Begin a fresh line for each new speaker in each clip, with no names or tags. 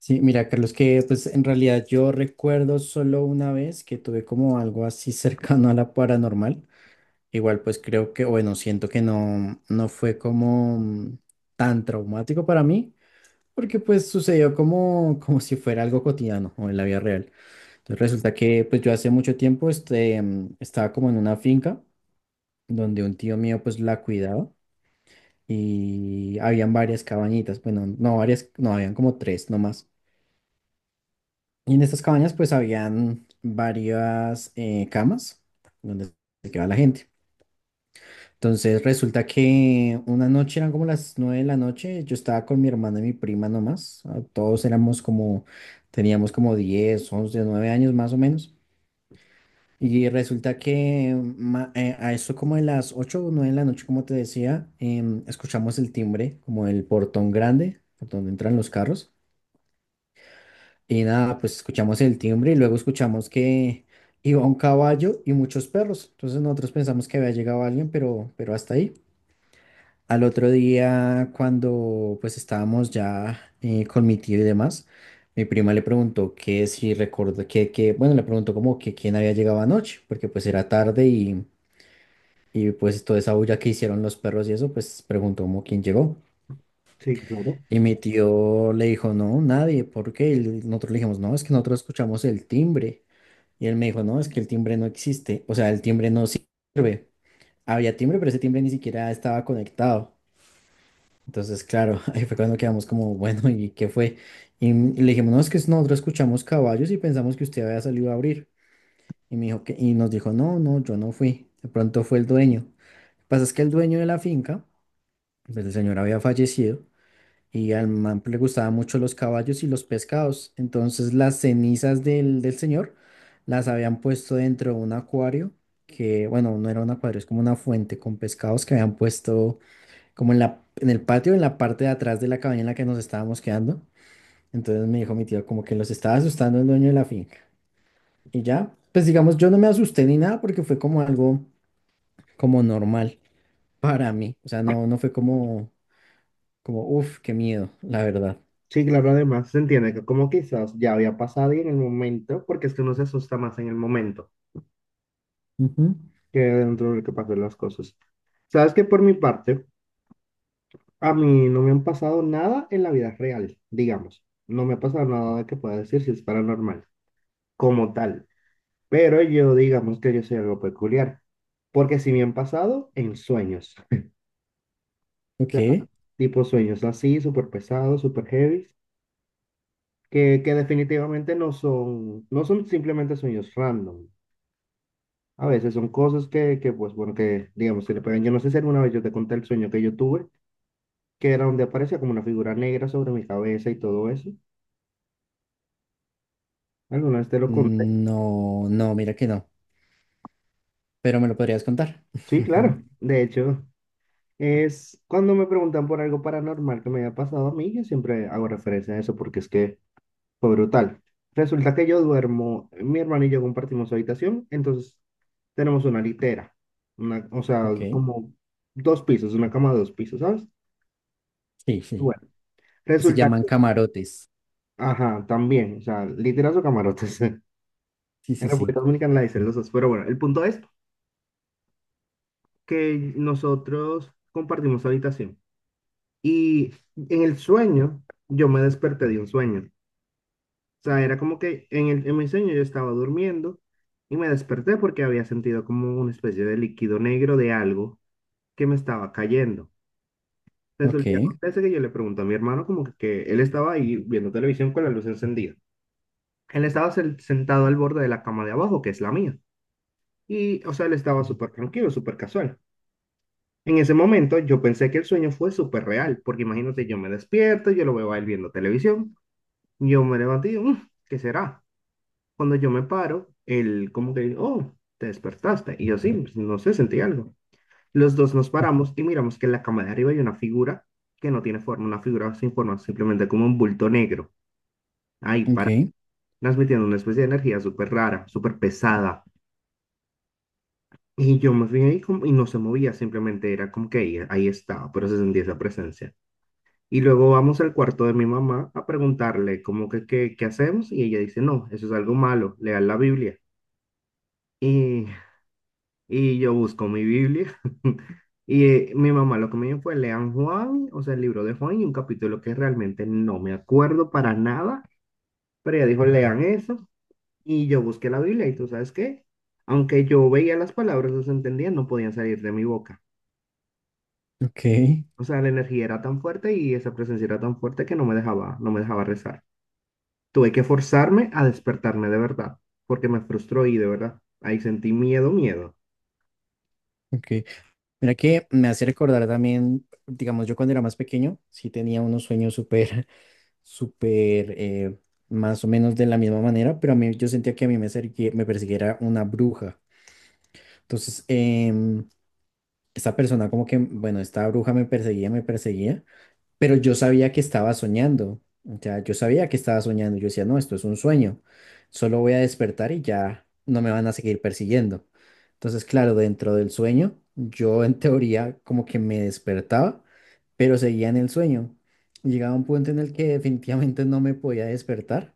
Sí, mira, Carlos, que pues en realidad yo recuerdo solo una vez que tuve como algo así cercano a la paranormal. Igual pues creo que, bueno, siento que no, no fue como tan traumático para mí, porque pues sucedió como, como si fuera algo cotidiano o en la vida real. Entonces resulta que pues yo hace mucho tiempo estaba como en una finca donde un tío mío pues la cuidaba y habían varias cabañitas, bueno, no varias, no, habían como tres nomás. Y en estas cabañas pues habían varias camas donde se quedaba la gente. Entonces resulta que una noche eran como las 9 de la noche, yo estaba con mi hermana y mi prima nomás, todos éramos como, teníamos como 10 11 9 años más o menos. Y resulta que a eso como de las 8 o 9 de la noche, como te decía, escuchamos el timbre, como el portón grande, por donde entran los carros. Y nada, pues escuchamos el timbre y luego escuchamos que iba un caballo y muchos perros. Entonces nosotros pensamos que había llegado alguien, pero hasta ahí. Al otro día, cuando pues estábamos ya con mi tío y demás, mi prima le preguntó que si recuerdo que, bueno, le preguntó como que quién había llegado anoche, porque pues era tarde y pues toda esa bulla que hicieron los perros y eso, pues preguntó como quién llegó.
Sí, claro.
Y mi tío le dijo, no, nadie, porque nosotros le dijimos, no, es que nosotros escuchamos el timbre. Y él me dijo, no, es que el timbre no existe, o sea, el timbre no sirve. Había timbre, pero ese timbre ni siquiera estaba conectado. Entonces, claro, ahí fue cuando quedamos como, bueno, ¿y qué fue? Y le dijimos, no, es que nosotros escuchamos caballos y pensamos que usted había salido a abrir. Y nos dijo, no, no, yo no fui. De pronto fue el dueño. Lo que pasa es que el dueño de la finca, pues el señor había fallecido y al man le gustaban mucho los caballos y los pescados. Entonces las cenizas del señor las habían puesto dentro de un acuario, que bueno, no era un acuario, es como una fuente con pescados que habían puesto como en la, en el patio, en la parte de atrás de la cabaña en la que nos estábamos quedando. Entonces me dijo mi tío como que los estaba asustando el dueño de la finca. Y ya, pues digamos, yo no me asusté ni nada porque fue como algo como normal para mí. O sea, no, no fue como, uff, qué miedo, la verdad.
Sí, claro, además se entiende que como quizás ya había pasado y en el momento, porque es que uno se asusta más en el momento
Ujú.
que dentro de lo que pasan las cosas. Sabes que por mi parte, a mí no me han pasado nada en la vida real, digamos. No me ha pasado nada de que pueda decir si es paranormal, como tal. Pero yo, digamos que yo soy algo peculiar, porque sí me han pasado en sueños. sea,
Ok.
tipo sueños así, súper pesados, súper heavy, que definitivamente no son simplemente sueños random. A veces son cosas que, pues bueno, que digamos que le pegan. Yo no sé si alguna vez yo te conté el sueño que yo tuve, que era donde aparecía como una figura negra sobre mi cabeza y todo eso. ¿Alguna vez te lo conté?
No, no, mira que no, pero me lo podrías contar.
Sí, claro. De hecho, es cuando me preguntan por algo paranormal que me haya pasado a mí, yo siempre hago referencia a eso porque es que fue brutal. Resulta que yo duermo, mi hermano y yo compartimos habitación, entonces tenemos una litera, una, o sea,
Ok,
como dos pisos, una cama de dos pisos, ¿sabes?
sí, sí.
Bueno,
Se
resulta
llaman camarotes.
ajá, también, o sea, literal su camarotes.
Sí,
En
sí, sí.
República Dominicana la dicen los dos, pero bueno, el punto es que nosotros compartimos habitación y en el sueño yo me desperté de un sueño. O sea, era como que en mi sueño yo estaba durmiendo y me desperté porque había sentido como una especie de líquido negro de algo que me estaba cayendo. Resulta
Ok,
que acontece que yo le pregunto a mi hermano como que él estaba ahí viendo televisión con la luz encendida. Él estaba sentado al borde de la cama de abajo, que es la mía. Y, o sea, él estaba súper tranquilo, súper casual. En ese momento yo pensé que el sueño fue súper real, porque imagínate, yo me despierto, yo lo veo a él viendo televisión, yo me levanté y digo, "Mm, ¿qué será?" Cuando yo me paro, él como que, oh, te despertaste. Y yo sí, pues, no sé, sentí algo. Los dos nos paramos y miramos que en la cama de arriba hay una figura que no tiene forma, una figura sin forma, simplemente como un bulto negro, ahí
ok,
para, transmitiendo una especie de energía súper rara, súper pesada. Y yo más bien ahí y no se movía, simplemente era como que ahí estaba, pero se sentía esa presencia. Y luego vamos al cuarto de mi mamá a preguntarle como que qué hacemos y ella dice, no, eso es algo malo, lean la Biblia. Y, y yo busco mi Biblia y mi mamá lo que me dijo fue, lean Juan, o sea, el libro de Juan y un capítulo que realmente no me acuerdo para nada, pero ella dijo, lean eso y yo busqué la Biblia y tú sabes qué, aunque yo veía las palabras, las entendía, no podían salir de mi boca.
ok,
O sea, la energía era tan fuerte y esa presencia era tan fuerte que no me dejaba rezar. Tuve que forzarme a despertarme de verdad, porque me frustró y de verdad, ahí sentí miedo, miedo.
ok. Mira que me hace recordar también, digamos, yo cuando era más pequeño, sí tenía unos sueños súper, súper, más o menos de la misma manera, pero a mí yo sentía que a mí me persiguiera una bruja. Entonces, esta persona como que, bueno, esta bruja me perseguía, me perseguía. Pero yo sabía que estaba soñando. O sea, yo sabía que estaba soñando. Yo decía, no, esto es un sueño. Solo voy a despertar y ya no me van a seguir persiguiendo. Entonces, claro, dentro del sueño, yo en teoría como que me despertaba, pero seguía en el sueño. Llegaba un punto en el que definitivamente no me podía despertar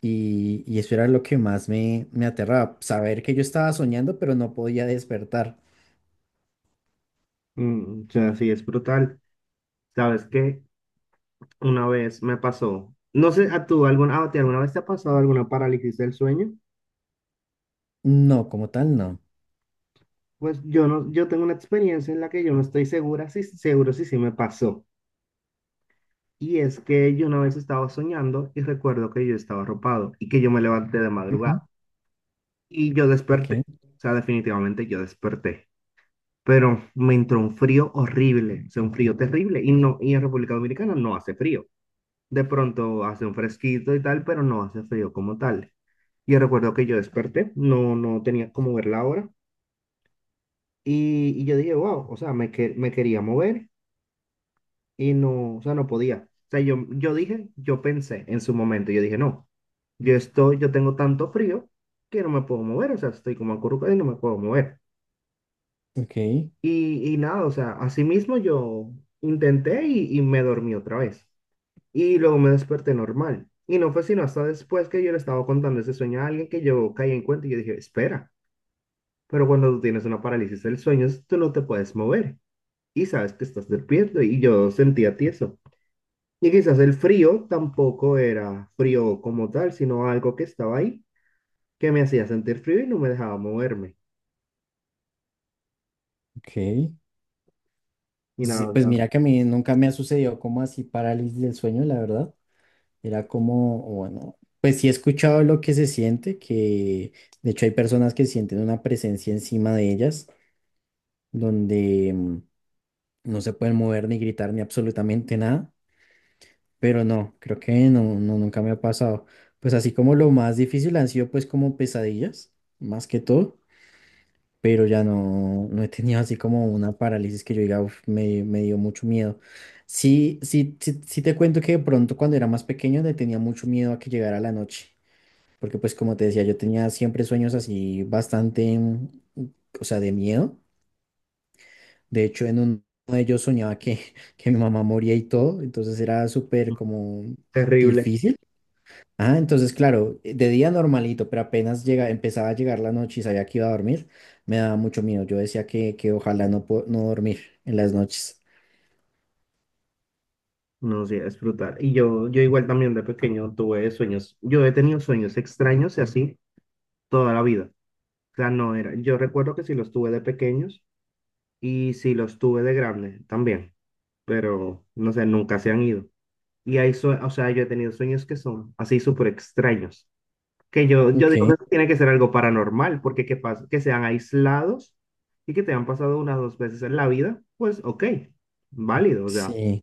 y eso era lo que más me aterraba, saber que yo estaba soñando, pero no podía despertar.
Mm, o sea, sí, es brutal. ¿Sabes qué? Una vez me pasó, no sé, ¿a ti alguna vez te ha pasado alguna parálisis del sueño?
No, como tal, no.
Pues yo no, yo tengo una experiencia en la que yo no estoy segura si seguro si sí me pasó. Y es que yo una vez estaba soñando y recuerdo que yo estaba arropado y que yo me levanté de madrugada.
Ujú,
Y yo
ok,
desperté, o sea, definitivamente yo desperté, pero me entró un frío horrible, o sea, un frío terrible, y no, y en República Dominicana no hace frío. De pronto hace un fresquito y tal, pero no hace frío como tal. Y recuerdo que yo desperté, no, no tenía cómo ver la hora, y yo dije, wow, o sea, me quería mover y no, o sea, no podía. O sea, yo dije, yo pensé en su momento, yo dije, no, yo tengo tanto frío que no me puedo mover, o sea, estoy como acurrucado y no me puedo mover.
ok,
Y nada, o sea, así mismo yo intenté y me dormí otra vez. Y luego me desperté normal. Y no fue sino hasta después que yo le estaba contando ese sueño a alguien que yo caí en cuenta y yo dije, espera, pero cuando tú tienes una parálisis del sueño, tú no te puedes mover y sabes que estás despierto y yo sentía tieso. Y quizás el frío tampoco era frío como tal, sino algo que estaba ahí, que me hacía sentir frío y no me dejaba moverme.
ok.
Y
Sí,
nada,
pues mira que a mí nunca me ha sucedido como así parálisis del sueño, la verdad. Era como, bueno, pues sí he escuchado lo que se siente, que de hecho hay personas que sienten una presencia encima de ellas, donde no se pueden mover ni gritar ni absolutamente nada, pero no, creo que no, no, nunca me ha pasado. Pues así como lo más difícil han sido pues como pesadillas, más que todo. Pero ya no, no he tenido así como una parálisis que yo diga, "Uf, me dio mucho miedo." Sí, sí, sí, sí te cuento que de pronto cuando era más pequeño le tenía mucho miedo a que llegara la noche, porque pues como te decía, yo tenía siempre sueños así bastante, o sea, de miedo. De hecho, en uno de ellos soñaba que, que mi mamá moría y todo, entonces era súper
ya,
como
terrible.
difícil. Ah, entonces, claro, de día normalito, pero apenas llega, empezaba a llegar la noche y sabía que iba a dormir, me daba mucho miedo. Yo decía que, ojalá no dormir en las noches.
No, sí, es brutal. Y yo igual también de pequeño tuve sueños. Yo he tenido sueños extraños y así toda la vida. O sea, no era. Yo recuerdo que sí los tuve de pequeños y sí los tuve de grande también, pero no sé, nunca se han ido. Y o sea, yo he tenido sueños que son así súper extraños, que yo
Ok,
digo que tiene que ser algo paranormal, porque que sean aislados y que te han pasado unas 2 veces en la vida, pues ok, válido, o sea,
sí.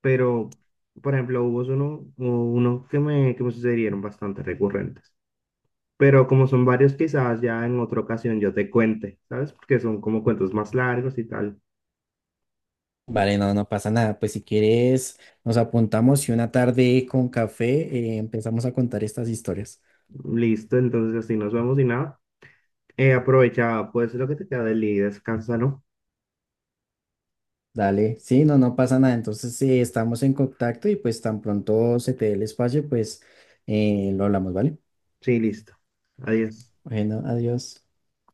pero por ejemplo hubo unos que me sucedieron bastante recurrentes, pero como son varios quizás ya en otra ocasión yo te cuente, ¿sabes? Porque son como cuentos más largos y tal.
Vale, no, no pasa nada. Pues si quieres, nos apuntamos y una tarde con café empezamos a contar estas historias.
Listo, entonces así nos vemos y nada. Aprovecha pues lo que te queda del día y descansa, ¿no?
Dale, sí, no, no pasa nada. Entonces, estamos en contacto y pues tan pronto se te dé el espacio, pues lo hablamos, ¿vale?
Sí, listo. Adiós.
Bueno, adiós.